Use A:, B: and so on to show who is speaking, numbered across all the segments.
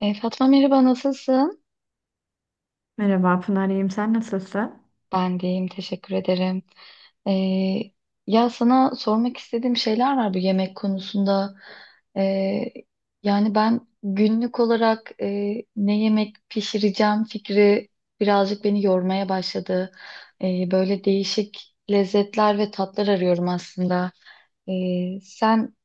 A: Fatma merhaba nasılsın?
B: Merhaba Pınar, iyiyim. Sen nasılsın?
A: Ben de iyiyim teşekkür ederim. E, Ya sana sormak istediğim şeyler var bu yemek konusunda. E, Yani ben günlük olarak ne yemek pişireceğim fikri birazcık beni yormaya başladı. Böyle değişik lezzetler ve tatlar arıyorum aslında. E, sen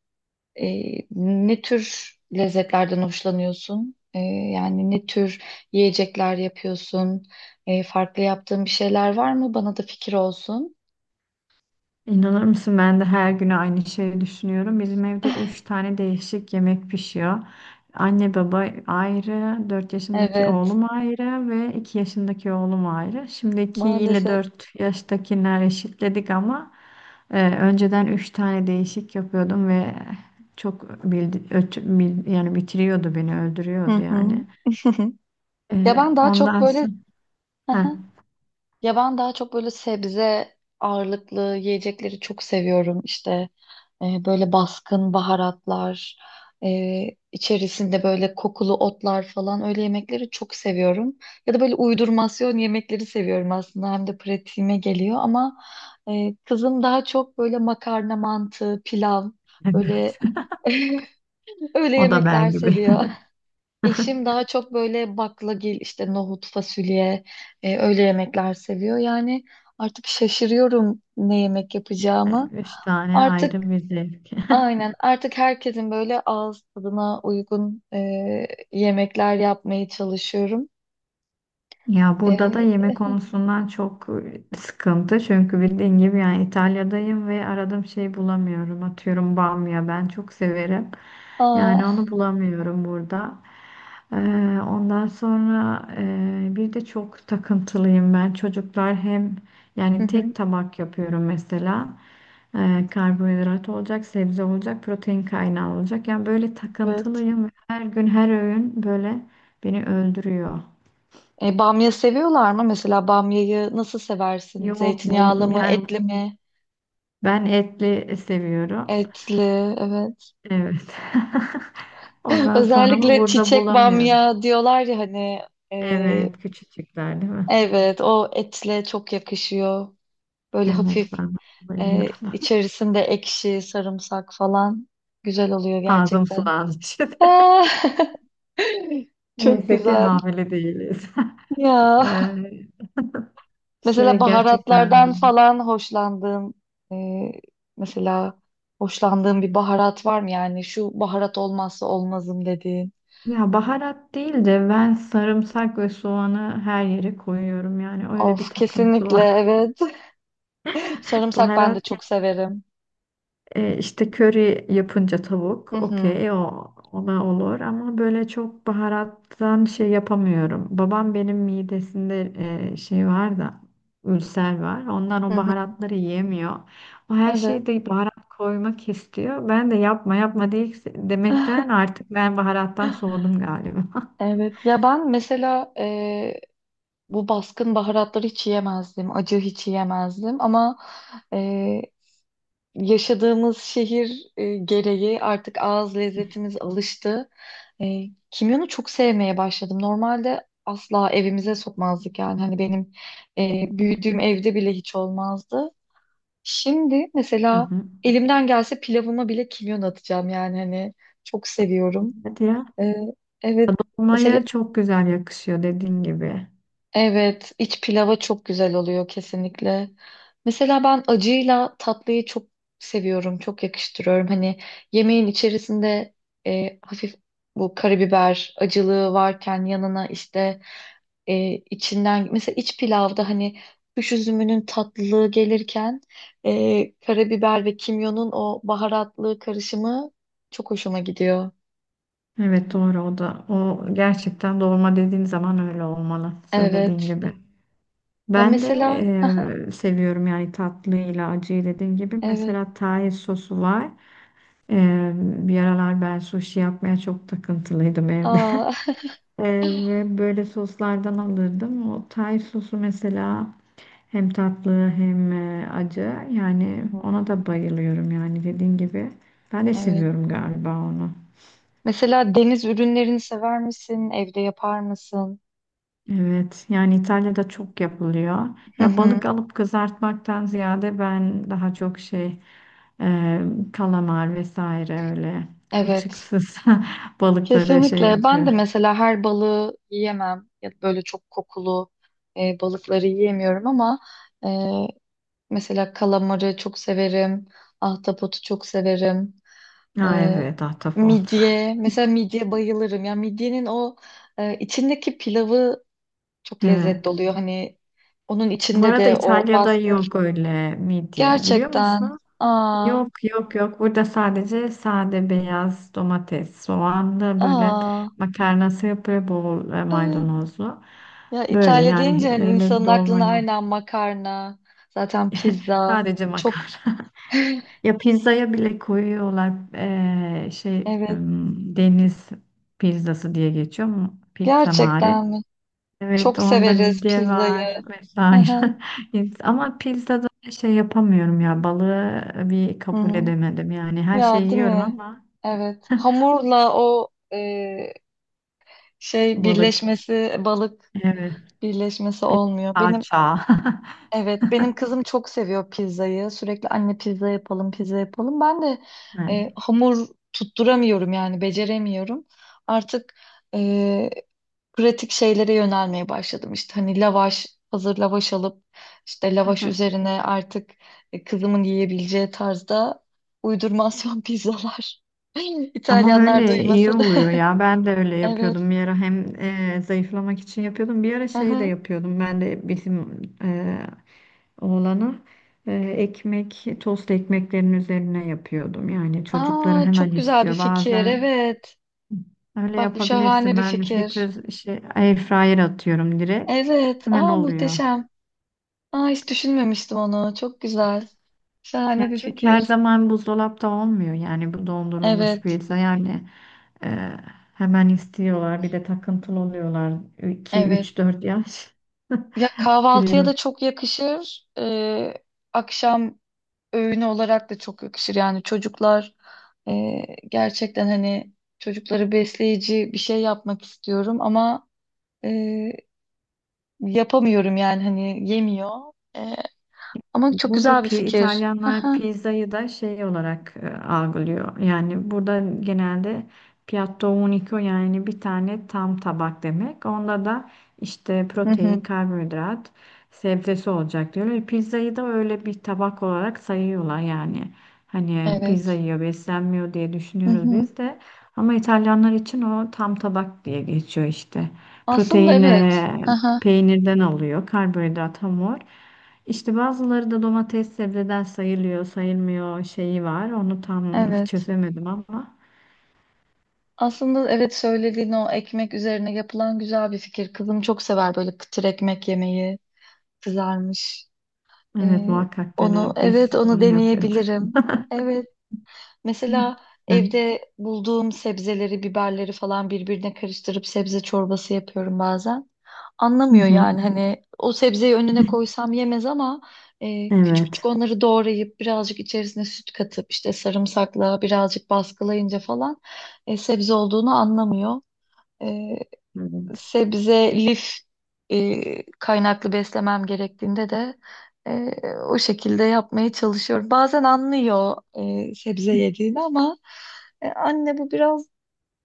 A: Ne tür lezzetlerden hoşlanıyorsun? Yani ne tür yiyecekler yapıyorsun? Farklı yaptığın bir şeyler var mı? Bana da fikir olsun.
B: İnanır mısın ben de her gün aynı şeyi düşünüyorum. Bizim evde üç tane değişik yemek pişiyor. Anne baba ayrı, 4 yaşındaki
A: Evet,
B: oğlum ayrı ve 2 yaşındaki oğlum ayrı. Şimdi iki ile
A: maalesef.
B: 4 yaştakiler eşitledik ama önceden üç tane değişik yapıyordum ve çok yani bitiriyordu beni, öldürüyordu
A: Hı hı.
B: yani. E,
A: Ya ben daha çok
B: ondan
A: böyle
B: sonra. Heh,
A: Ya ben daha çok böyle sebze ağırlıklı yiyecekleri çok seviyorum. İşte böyle baskın baharatlar, e, içerisinde böyle kokulu otlar falan öyle yemekleri çok seviyorum. Ya da böyle uydurmasyon yemekleri seviyorum aslında. Hem de pratiğime geliyor ama kızım daha çok böyle makarna, mantı, pilav böyle
B: evet.
A: öyle
B: O da
A: yemekler
B: ben gibi.
A: seviyor. Eşim daha çok böyle baklagil, işte nohut, fasulye, öyle yemekler seviyor. Yani artık şaşırıyorum ne yemek yapacağımı.
B: Üç tane
A: Artık
B: ayrı bir zevk.
A: aynen artık herkesin böyle ağız tadına uygun yemekler yapmaya çalışıyorum.
B: Ya burada da
A: E,
B: yemek konusundan çok sıkıntı. Çünkü bildiğin gibi yani İtalya'dayım ve aradığım şeyi bulamıyorum. Atıyorum bamya ben çok severim.
A: aa,
B: Yani onu bulamıyorum burada. Ee, ondan sonra bir de çok takıntılıyım ben. Çocuklar hem
A: hı
B: yani
A: hı,
B: tek tabak yapıyorum mesela. Karbonhidrat olacak, sebze olacak, protein kaynağı olacak. Yani böyle
A: evet.
B: takıntılıyım. Her gün her öğün böyle beni öldürüyor.
A: Bamya seviyorlar mı? Mesela bamyayı nasıl seversin?
B: Yok
A: Zeytinyağlı
B: bol
A: mı,
B: yani
A: etli mi?
B: ben etli seviyorum.
A: Etli, evet.
B: Evet. Ondan sonra ama
A: Özellikle
B: burada
A: çiçek
B: bulamıyorum.
A: bamya diyorlar ya hani e,
B: Evet, küçücükler değil mi?
A: evet, o etle çok yakışıyor. Böyle
B: Evet,
A: hafif
B: ben de bayılıyorum.
A: içerisinde ekşi, sarımsak falan güzel oluyor
B: Ağzım
A: gerçekten.
B: sulandı şimdi.
A: Ah! Çok
B: Neyse ki
A: güzel
B: hamile değiliz.
A: ya.
B: Ee, şey
A: Mesela
B: gerçekten,
A: baharatlardan falan hoşlandığın e, mesela hoşlandığın bir baharat var mı yani şu baharat olmazsa olmazım dediğin.
B: ya baharat değil de ben sarımsak ve soğanı her yere koyuyorum, yani öyle bir
A: Of
B: takıntı
A: kesinlikle
B: var.
A: evet. Sarımsak ben de
B: Baharat.
A: çok severim.
B: E, işte köri yapınca
A: Hı
B: tavuk,
A: hı.
B: okey, o ona olur ama böyle çok baharattan şey yapamıyorum. Babam benim midesinde şey var da, ülser var. Ondan
A: Hı
B: o
A: hı.
B: baharatları yiyemiyor. O her
A: Evet.
B: şeyde baharat koymak istiyor. Ben de yapma yapma değil demekten artık ben baharattan soğudum galiba.
A: Evet ya ben mesela bu baskın baharatları hiç yiyemezdim. Acı hiç yiyemezdim ama e, yaşadığımız şehir gereği artık ağız lezzetimiz alıştı. E, Kimyonu çok sevmeye başladım. Normalde asla evimize sokmazdık yani hani benim büyüdüğüm evde bile hiç olmazdı. Şimdi
B: Hı
A: mesela
B: hı.
A: elimden gelse pilavıma bile kimyon atacağım yani hani çok seviyorum.
B: Hadi ya.
A: E, evet. Mesela
B: Dolmaya çok güzel yakışıyor, dediğin gibi.
A: evet, iç pilava çok güzel oluyor kesinlikle. Mesela ben acıyla tatlıyı çok seviyorum, çok yakıştırıyorum. Hani yemeğin içerisinde hafif bu karabiber acılığı varken yanına işte içinden mesela iç pilavda hani kuş üzümünün tatlılığı gelirken karabiber ve kimyonun o baharatlı karışımı çok hoşuma gidiyor.
B: Evet, doğru o da. O gerçekten dolma dediğin zaman öyle olmalı, söylediğin
A: Evet.
B: gibi.
A: Ya
B: Ben de
A: mesela
B: seviyorum yani tatlıyla acıyı, dediğin gibi.
A: evet.
B: Mesela Thai sosu var. Bir aralar ben sushi yapmaya çok takıntılıydım evde.
A: Aa,
B: Ve böyle soslardan alırdım. O Thai sosu mesela hem tatlı hem acı. Yani ona da bayılıyorum, yani dediğin gibi. Ben de
A: evet.
B: seviyorum galiba onu.
A: Mesela deniz ürünlerini sever misin? Evde yapar mısın?
B: Evet, yani İtalya'da çok yapılıyor.
A: Hı
B: Ya
A: hı.
B: balık alıp kızartmaktan ziyade ben daha çok şey, e, kalamar vesaire, öyle
A: Evet.
B: kılçıksız balıkları şey
A: Kesinlikle. Ben de
B: yapıyorum.
A: mesela her balığı yiyemem. Ya da böyle çok kokulu balıkları yiyemiyorum ama e, mesela kalamarı çok severim. Ahtapotu çok severim.
B: Ha
A: E,
B: evet, ahtapot.
A: Midye. Mesela midye bayılırım. Ya midyenin o içindeki pilavı çok
B: Evet.
A: lezzetli oluyor. Hani onun
B: Bu
A: içinde
B: arada
A: de o
B: İtalya'da
A: baskı.
B: yok öyle midye, biliyor
A: Gerçekten.
B: musun?
A: Aa,
B: Yok, yok, yok. Burada sadece sade beyaz domates, soğanlı böyle
A: aa.
B: makarnası yapıyor, bol
A: Evet.
B: maydanozlu.
A: Ya
B: Böyle,
A: İtalya
B: yani
A: deyince hani
B: öyle bir
A: insanın
B: dolma
A: aklına
B: yok.
A: aynen makarna, zaten pizza.
B: Sadece
A: Çok
B: makarna. Ya pizzaya bile koyuyorlar, şey,
A: evet.
B: deniz pizzası diye geçiyor mu? Pizza mare.
A: Gerçekten mi?
B: Evet,
A: Çok
B: onda
A: severiz
B: midye var
A: pizzayı. Hı hı.
B: vesaire. Yes, ama pizzada şey yapamıyorum, ya balığı bir
A: Hı
B: kabul
A: hı.
B: edemedim. Yani her
A: Ya
B: şeyi
A: değil
B: yiyorum
A: mi?
B: ama
A: Evet. Hamurla o
B: balık.
A: birleşmesi, balık
B: Evet.
A: birleşmesi
B: Bir de
A: olmuyor. Benim
B: salça.
A: evet, benim kızım çok seviyor pizzayı. Sürekli anne pizza yapalım, pizza yapalım. Ben de hamur tutturamıyorum yani beceremiyorum. Artık e, pratik şeylere yönelmeye başladım. İşte hani lavaş, hazır lavaş alıp işte
B: Evet.
A: lavaş üzerine artık kızımın yiyebileceği tarzda uydurmasyon pizzalar.
B: Ama
A: İtalyanlar
B: öyle iyi
A: duymasın.
B: oluyor ya. Ben de öyle
A: Evet.
B: yapıyordum bir ara, hem zayıflamak için yapıyordum. Bir ara şey de
A: Aha.
B: yapıyordum. Ben de bizim oğlana ekmek, tost ekmeklerin üzerine yapıyordum. Yani çocukları
A: Aa,
B: hemen
A: çok güzel bir
B: istiyor
A: fikir.
B: bazen.
A: Evet.
B: Öyle
A: Bak bu şahane
B: yapabilirsin.
A: bir
B: Ben
A: fikir.
B: fritöz, şey, air fryer atıyorum direkt.
A: Evet.
B: Hemen
A: Aa
B: oluyor.
A: muhteşem. Aa hiç düşünmemiştim onu. Çok güzel. Şahane
B: Ya
A: bir
B: çünkü her
A: fikir.
B: zaman buzdolapta olmuyor, yani bu dondurulmuş
A: Evet.
B: pizza, yani e, hemen istiyorlar, bir de takıntılı oluyorlar iki
A: Evet.
B: 3 4 yaş
A: Ya kahvaltıya
B: biliyorsun.
A: da çok yakışır. Akşam öğün olarak da çok yakışır. Yani çocuklar e, gerçekten hani çocukları besleyici bir şey yapmak istiyorum ama e, yapamıyorum yani hani yemiyor. E, Ama çok
B: Burada
A: güzel bir fikir.
B: İtalyanlar
A: Aha.
B: pizzayı da şey olarak algılıyor. Yani burada genelde piatto unico, yani bir tane tam tabak demek. Onda da işte
A: Hı hı.
B: protein, karbonhidrat, sebzesi olacak diyorlar. Pizzayı da öyle bir tabak olarak sayıyorlar yani. Hani pizza
A: Evet.
B: yiyor, beslenmiyor diye
A: Hı
B: düşünüyoruz
A: hı.
B: biz de. Ama İtalyanlar için o tam tabak diye geçiyor işte.
A: Aslında
B: Proteini
A: evet. Aha.
B: peynirden alıyor, karbonhidrat, hamur. İşte bazıları da domates sebzeden sayılıyor, sayılmıyor şeyi var. Onu tam
A: Evet.
B: çözemedim ama
A: Aslında evet söylediğin o ekmek üzerine yapılan güzel bir fikir. Kızım çok sever böyle kıtır ekmek yemeyi. Kızarmış. E,
B: evet, muhakkak
A: onu
B: dene, biz
A: evet onu
B: onu yapıyorduk.
A: deneyebilirim. Evet. Mesela
B: Hı
A: evde bulduğum sebzeleri, biberleri falan birbirine karıştırıp sebze çorbası yapıyorum bazen. Anlamıyor
B: hı.
A: yani hani o sebzeyi önüne koysam yemez ama küçük küçük
B: Evet.
A: onları doğrayıp birazcık içerisine süt katıp işte sarımsakla birazcık baskılayınca falan sebze olduğunu anlamıyor. E,
B: Evet.
A: Sebze, lif kaynaklı beslemem gerektiğinde de e, o şekilde yapmaya çalışıyorum. Bazen anlıyor sebze yediğini ama anne bu biraz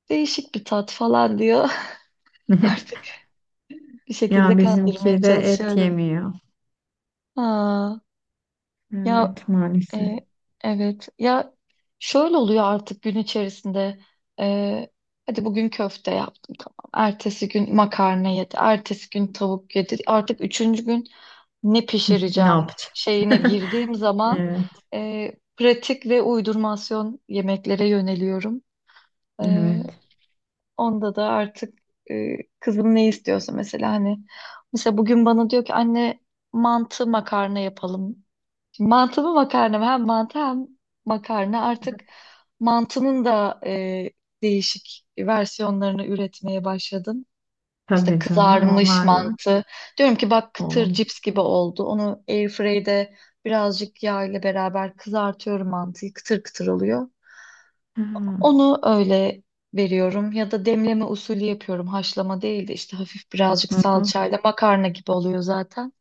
A: değişik bir tat falan diyor. Artık bir
B: Ya
A: şekilde kandırmaya
B: bizimki de et
A: çalışıyorum.
B: yemiyor.
A: Aa, ya
B: Evet, maalesef.
A: e, evet ya şöyle oluyor artık gün içerisinde E, hadi bugün köfte yap. Ertesi gün makarna yedi. Ertesi gün tavuk yedi. Artık üçüncü gün ne
B: Ne
A: pişireceğim
B: yapacağım?
A: şeyine girdiğim zaman
B: Evet.
A: pratik ve uydurmasyon yemeklere yöneliyorum. E,
B: Evet.
A: Onda da artık kızım ne istiyorsa mesela hani mesela bugün bana diyor ki anne mantı makarna yapalım. Mantı mı makarna mı? Hem mantı hem makarna. Artık mantının da değişik versiyonlarını üretmeye başladım. İşte
B: Tabii canım,
A: kızarmış
B: onlarla.
A: mantı. Diyorum ki bak
B: O.
A: kıtır cips gibi oldu. Onu airfryde birazcık yağ ile beraber kızartıyorum mantıyı. Kıtır kıtır oluyor.
B: Ha.
A: Onu öyle veriyorum ya da demleme usulü yapıyorum. Haşlama değil de işte hafif birazcık
B: Hı hı.
A: salçayla makarna gibi oluyor zaten.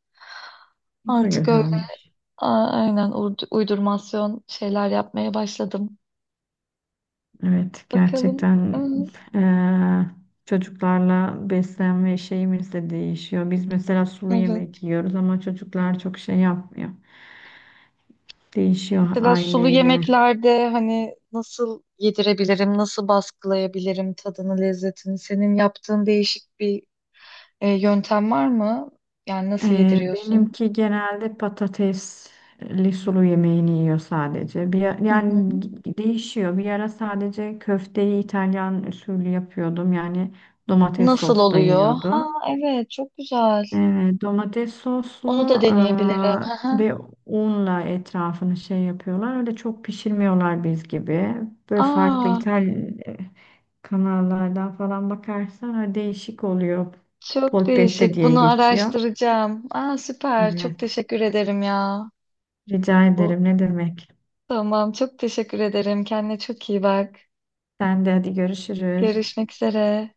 B: Bu da
A: Artık öyle
B: güzelmiş.
A: uydurmasyon şeyler yapmaya başladım.
B: Evet,
A: Bakalım.
B: gerçekten.
A: Hı,
B: Eee, çocuklarla beslenme şeyimiz de değişiyor. Biz mesela sulu yemek
A: evet.
B: yiyoruz ama çocuklar çok şey yapmıyor. Değişiyor
A: Mesela sulu
B: aileyle.
A: yemeklerde hani nasıl yedirebilirim, nasıl baskılayabilirim tadını, lezzetini? Senin yaptığın değişik bir yöntem var mı? Yani nasıl
B: Eee,
A: yediriyorsun?
B: benimki genelde patatesli sulu yemeğini yiyor sadece. Bir,
A: Hı hı.
B: yani değişiyor. Bir ara sadece köfteyi İtalyan usulü yapıyordum. Yani domates
A: Nasıl
B: sosla
A: oluyor? Ha
B: yiyordu.
A: evet çok güzel.
B: E, domates soslu
A: Onu da deneyebilirim. Hı hı.
B: ve unla etrafını şey yapıyorlar. Öyle çok pişirmiyorlar biz gibi. Böyle farklı
A: Aa
B: İtalyan kanallardan falan bakarsan öyle değişik oluyor.
A: çok
B: Polpette
A: değişik.
B: diye
A: Bunu
B: geçiyor.
A: araştıracağım. Aa süper.
B: Evet.
A: Çok teşekkür ederim ya.
B: Rica
A: Bu
B: ederim. Ne demek?
A: tamam çok teşekkür ederim. Kendine çok iyi bak.
B: Sen de hadi, görüşürüz.
A: Görüşmek üzere.